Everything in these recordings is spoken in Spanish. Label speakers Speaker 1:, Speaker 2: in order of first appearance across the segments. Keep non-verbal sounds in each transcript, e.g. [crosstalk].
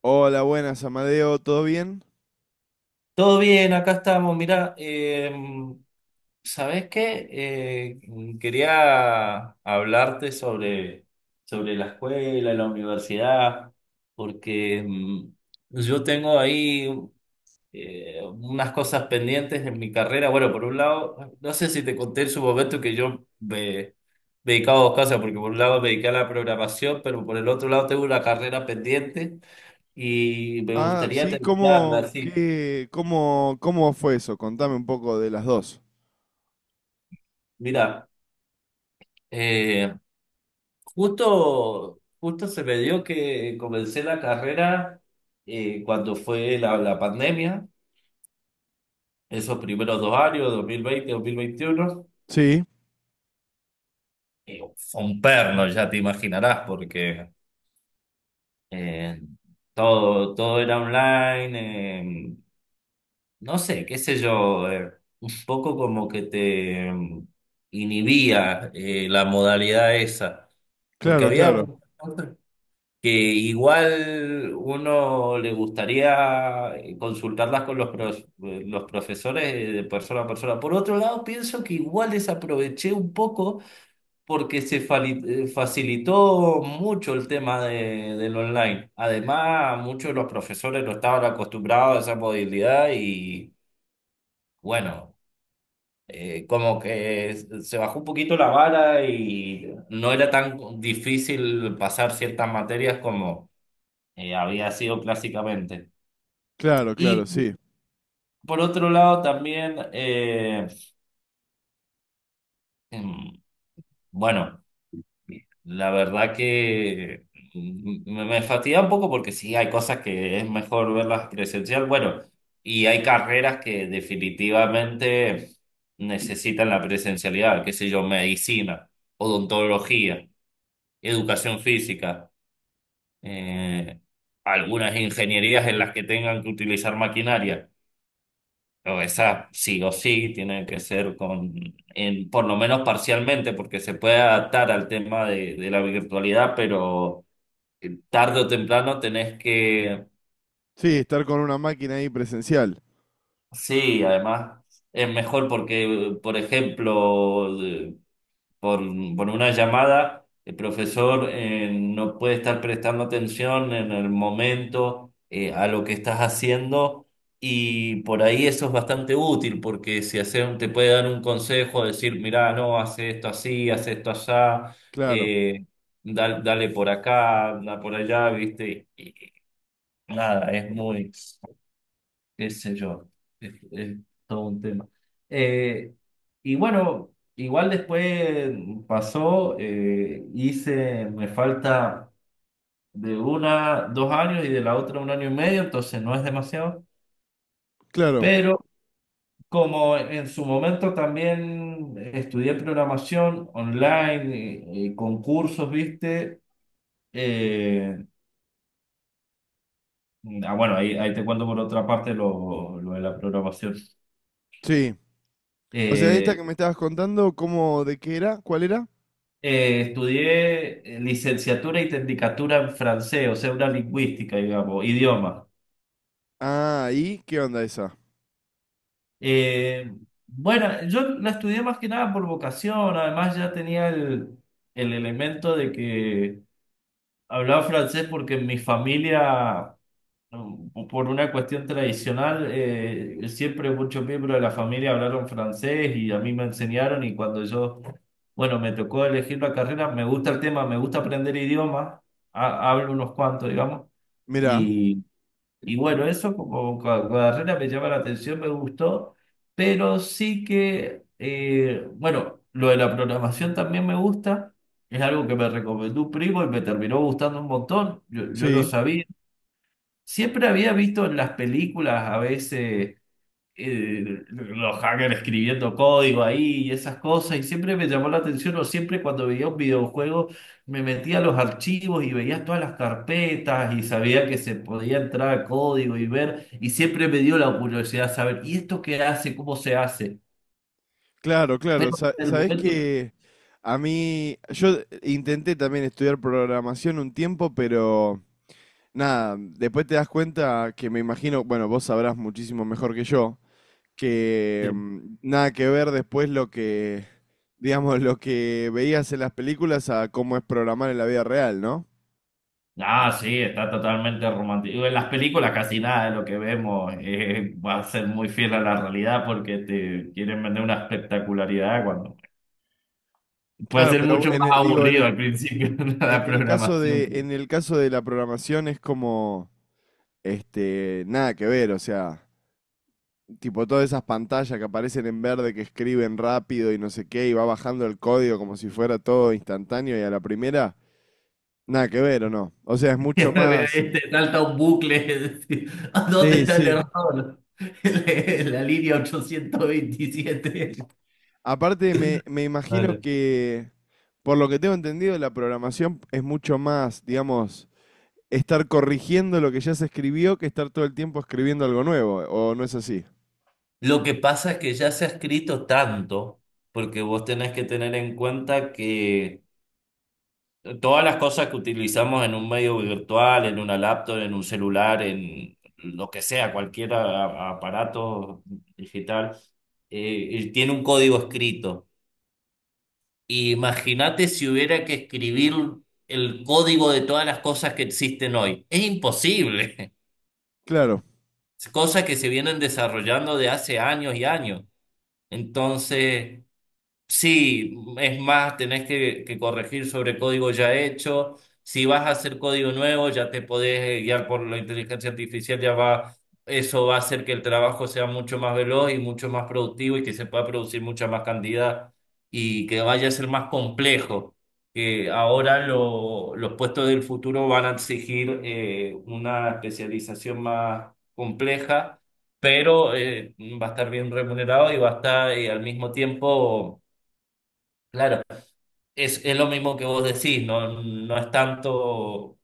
Speaker 1: Hola, buenas, Amadeo, ¿todo bien?
Speaker 2: Todo bien, acá estamos. Mirá, ¿sabés qué? Quería hablarte sobre, sobre la escuela, la universidad, porque yo tengo ahí unas cosas pendientes en mi carrera. Bueno, por un lado, no sé si te conté en su momento que me dedicaba a dos cosas, porque por un lado me dediqué a la programación, pero por el otro lado tengo una carrera pendiente y me
Speaker 1: Ah,
Speaker 2: gustaría
Speaker 1: sí, ¿cómo,
Speaker 2: terminarla así.
Speaker 1: qué, cómo, cómo fue eso? Contame un poco de las dos.
Speaker 2: Mira. Justo se me dio que comencé la carrera cuando fue la pandemia, esos primeros 2 años, 2020, 2021.
Speaker 1: Sí,
Speaker 2: Fue un perno, ya te imaginarás, porque eh, todo era online, no sé, qué sé yo, un poco como que te inhibía, la modalidad esa, porque
Speaker 1: claro,
Speaker 2: había
Speaker 1: claro,
Speaker 2: muchas cosas que igual uno le gustaría consultarlas con los profesores de persona a persona. Por otro lado, pienso que igual desaproveché un poco porque facilitó mucho el tema del online. Además, muchos de los profesores no estaban acostumbrados a esa modalidad y bueno, como que se bajó un poquito la vara y no era tan difícil pasar ciertas materias como había sido clásicamente.
Speaker 1: claro, claro,
Speaker 2: Y
Speaker 1: sí.
Speaker 2: por otro lado también, em, bueno, la verdad que me fatiga un poco porque sí, hay cosas que es mejor verlas presencial. Bueno, y hay carreras que definitivamente necesitan la presencialidad, qué sé yo, medicina, odontología, educación física, eh, algunas ingenierías en las que tengan que utilizar maquinaria. Pero esa sí o sí tiene que ser en, por lo menos parcialmente, porque se puede adaptar al tema de la virtualidad, pero tarde o temprano tenés que,
Speaker 1: Sí, estar con una máquina ahí presencial.
Speaker 2: sí, además es mejor porque, por ejemplo, por, por una llamada, el profesor no puede estar prestando atención en el momento a lo que estás haciendo, y por ahí eso es bastante útil porque si hacer, te puede dar un consejo, decir, mirá, no, hace esto así, hace esto allá,
Speaker 1: Claro,
Speaker 2: eh, dale por acá, anda por allá, ¿viste? Y nada, es muy, qué sé yo, es todo un tema. Eh, y bueno, igual después pasó, hice, me falta de una, 2 años y de la otra un año y medio, entonces no es demasiado,
Speaker 1: claro,
Speaker 2: pero como en su momento también estudié programación online y con cursos, viste. Eh, bueno, ahí te cuento por otra parte lo de la programación.
Speaker 1: sí. O sea, esta
Speaker 2: Eh,
Speaker 1: que me estabas contando, ¿cómo, de qué era? ¿Cuál era?
Speaker 2: Estudié licenciatura y tecnicatura en francés, o sea, una lingüística, digamos, idioma.
Speaker 1: Ah, ¿y qué onda esa?
Speaker 2: Eh, bueno, yo la estudié más que nada por vocación, además ya tenía el elemento de que hablaba francés porque en mi familia, bueno, por una cuestión tradicional, siempre muchos miembros de la familia hablaron francés y a mí me enseñaron. Y cuando yo, bueno, me tocó elegir la carrera, me gusta el tema, me gusta aprender idiomas, hablo unos cuantos, digamos,
Speaker 1: Mirá,
Speaker 2: y, y bueno, eso como carrera me llama la atención, me gustó, pero sí que, bueno, lo de la programación también me gusta, es algo que me recomendó un primo y me terminó gustando un montón, yo no
Speaker 1: sí,
Speaker 2: sabía. Siempre había visto en las películas a veces eh, los hackers escribiendo código ahí y esas cosas, y siempre me llamó la atención, o siempre cuando veía un videojuego me metía a los archivos y veía todas las carpetas y sabía que se podía entrar a código y ver, y siempre me dio la curiosidad saber, ¿y esto qué hace? ¿Cómo se hace?
Speaker 1: claro, claro. Sa-
Speaker 2: En el
Speaker 1: sabés
Speaker 2: momento.
Speaker 1: que a mí, yo intenté también estudiar programación un tiempo, pero... Nada, después te das cuenta que me imagino, bueno, vos sabrás muchísimo mejor que yo, que
Speaker 2: Sí.
Speaker 1: nada que ver después lo que, digamos, lo que veías en las películas a cómo es programar en la vida real, ¿no?
Speaker 2: Ah, sí, está totalmente romántico. En las películas casi nada de lo que vemos va a ser muy fiel a la realidad porque te quieren vender una espectacularidad, cuando puede
Speaker 1: Claro,
Speaker 2: ser
Speaker 1: pero
Speaker 2: mucho más
Speaker 1: digo,
Speaker 2: aburrido al principio [laughs]
Speaker 1: en
Speaker 2: la
Speaker 1: el caso
Speaker 2: programación
Speaker 1: de,
Speaker 2: que
Speaker 1: en el caso de la programación es como, este, nada que ver, o sea, tipo todas esas pantallas que aparecen en verde que escriben rápido y no sé qué, y va bajando el código como si fuera todo instantáneo y a la primera. Nada que ver, ¿o no? O sea, es mucho más...
Speaker 2: [laughs] te salta un bucle. [laughs] Decir, ¿a dónde
Speaker 1: Sí,
Speaker 2: está el
Speaker 1: sí.
Speaker 2: error? [laughs] En línea 827.
Speaker 1: Aparte, me imagino
Speaker 2: Dale.
Speaker 1: que, por lo que tengo entendido, la programación es mucho más, digamos, estar corrigiendo lo que ya se escribió que estar todo el tiempo escribiendo algo nuevo, ¿o no es así?
Speaker 2: Lo que pasa es que ya se ha escrito tanto, porque vos tenés que tener en cuenta que todas las cosas que utilizamos en un medio virtual, en una laptop, en un celular, en lo que sea, cualquier aparato digital, tiene un código escrito. Imagínate si hubiera que escribir el código de todas las cosas que existen hoy. Es imposible.
Speaker 1: Claro,
Speaker 2: [laughs] Cosas que se vienen desarrollando de hace años y años. Entonces, sí, es más, tenés que corregir sobre código ya hecho. Si vas a hacer código nuevo, ya te podés guiar por la inteligencia artificial. Ya va, eso va a hacer que el trabajo sea mucho más veloz y mucho más productivo y que se pueda producir mucha más cantidad y que vaya a ser más complejo. Que ahora los puestos del futuro van a exigir una especialización más compleja, pero va a estar bien remunerado y va a estar, al mismo tiempo, claro, es lo mismo que vos decís, no, no es tanto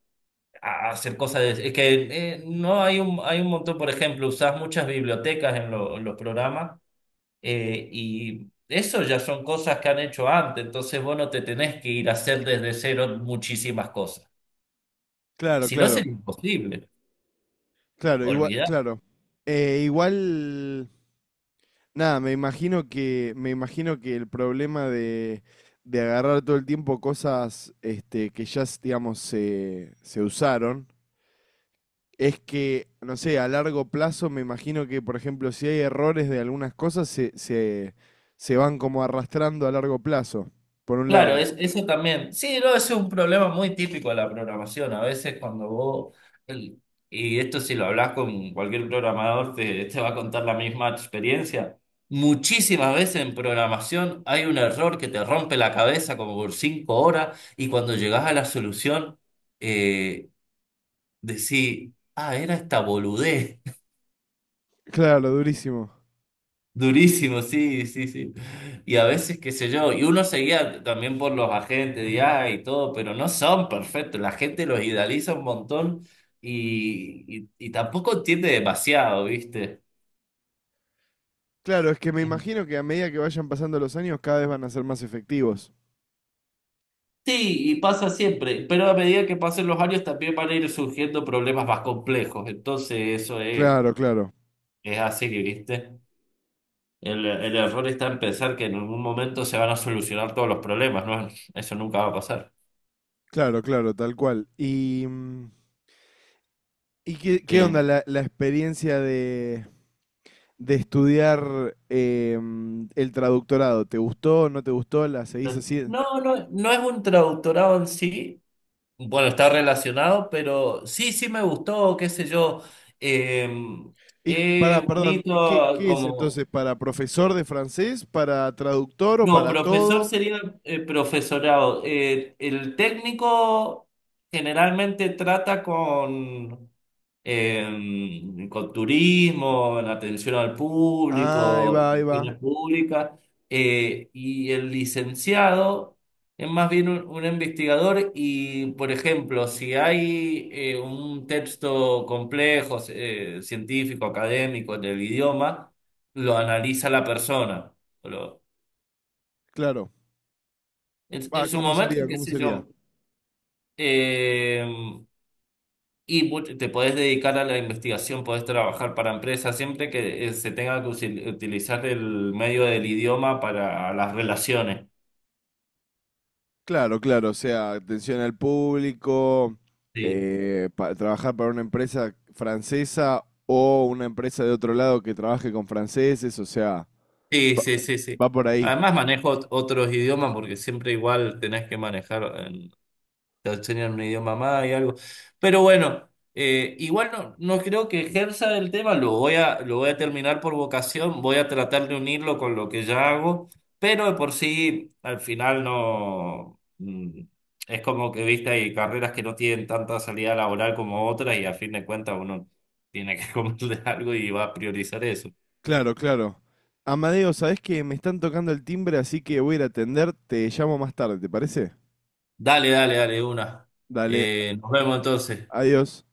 Speaker 2: hacer cosas, es que no hay hay un montón, por ejemplo, usás muchas bibliotecas en los programas, y eso ya son cosas que han hecho antes, entonces vos no te tenés que ir a hacer desde cero muchísimas cosas,
Speaker 1: claro,
Speaker 2: si no
Speaker 1: claro,
Speaker 2: sería imposible, olvidar.
Speaker 1: claro. Igual, nada, me imagino que el problema de agarrar todo el tiempo cosas este, que ya, digamos, se usaron, es que, no sé, a largo plazo me imagino que, por ejemplo, si hay errores de algunas cosas, se van como arrastrando a largo plazo, por un
Speaker 2: Claro,
Speaker 1: lado.
Speaker 2: es, eso también. Sí, no, ese es un problema muy típico de la programación. A veces cuando vos, el- y esto si lo hablas con cualquier programador, te va a contar la misma experiencia. Muchísimas veces en programación hay un error que te rompe la cabeza como por 5 horas y cuando llegás a la solución, eh, decís, ah, era esta boludez.
Speaker 1: Claro, durísimo.
Speaker 2: Durísimo, sí, sí, sí. Y a veces, qué sé yo, y uno seguía también por los agentes de IA y todo, pero no son perfectos. La gente los idealiza un montón y tampoco entiende demasiado, ¿viste?
Speaker 1: Claro, es que me imagino que a medida que vayan pasando los años, cada vez van a ser más efectivos.
Speaker 2: Sí, y pasa siempre, pero a medida que pasen los años también van a ir surgiendo problemas más complejos. Entonces, eso
Speaker 1: Claro, claro,
Speaker 2: es así, ¿viste? El error está en pensar que en algún momento se van a solucionar todos los problemas, ¿no? Eso nunca va a pasar.
Speaker 1: claro, claro, tal cual. ¿Y, y qué, qué
Speaker 2: Eh,
Speaker 1: onda la, la experiencia de estudiar el traductorado? ¿Te gustó, no te gustó? ¿La seguís así?
Speaker 2: No, no, no es un traductorado en sí. Bueno, está relacionado, pero sí, sí me gustó, qué sé yo. Eh,
Speaker 1: Y para,
Speaker 2: es
Speaker 1: perdón, ¿qué,
Speaker 2: bonito
Speaker 1: qué es
Speaker 2: como...
Speaker 1: entonces? ¿Para profesor de francés? ¿Para traductor o
Speaker 2: No,
Speaker 1: para
Speaker 2: profesor
Speaker 1: todo?
Speaker 2: sería, profesorado. El técnico generalmente trata con turismo, en atención al
Speaker 1: Ah, ahí
Speaker 2: público,
Speaker 1: va, ahí va.
Speaker 2: relaciones públicas, y el licenciado es más bien un investigador y, por ejemplo, si hay un texto complejo, científico, académico del idioma, lo analiza la persona. Lo-
Speaker 1: Claro.
Speaker 2: en
Speaker 1: Ah,
Speaker 2: su
Speaker 1: ¿cómo
Speaker 2: momento,
Speaker 1: sería?
Speaker 2: qué
Speaker 1: ¿Cómo
Speaker 2: sé
Speaker 1: sería?
Speaker 2: yo, eh, y te podés dedicar a la investigación, podés trabajar para empresas, siempre que se tenga que utilizar el medio del idioma para las relaciones.
Speaker 1: Claro, claro. O sea, atención al público,
Speaker 2: Sí,
Speaker 1: pa- trabajar para una empresa francesa o una empresa de otro lado que trabaje con franceses. O sea,
Speaker 2: sí,
Speaker 1: va,
Speaker 2: sí, sí, sí.
Speaker 1: va por ahí.
Speaker 2: Además manejo otros idiomas porque siempre igual tenés que manejar, te enseñan un idioma más y algo. Pero bueno, igual no, no creo que ejerza el tema, lo voy a terminar por vocación, voy a tratar de unirlo con lo que ya hago, pero de por sí al final no... Es como que, viste, hay carreras que no tienen tanta salida laboral como otras y a fin de cuentas uno tiene que [laughs] comer de algo y va a priorizar eso.
Speaker 1: Claro, claro. Amadeo, ¿sabés que me están tocando el timbre? Así que voy a ir a atender. Te llamo más tarde, ¿te parece?
Speaker 2: Dale, dale, dale, una.
Speaker 1: Dale,
Speaker 2: Nos vemos entonces.
Speaker 1: adiós.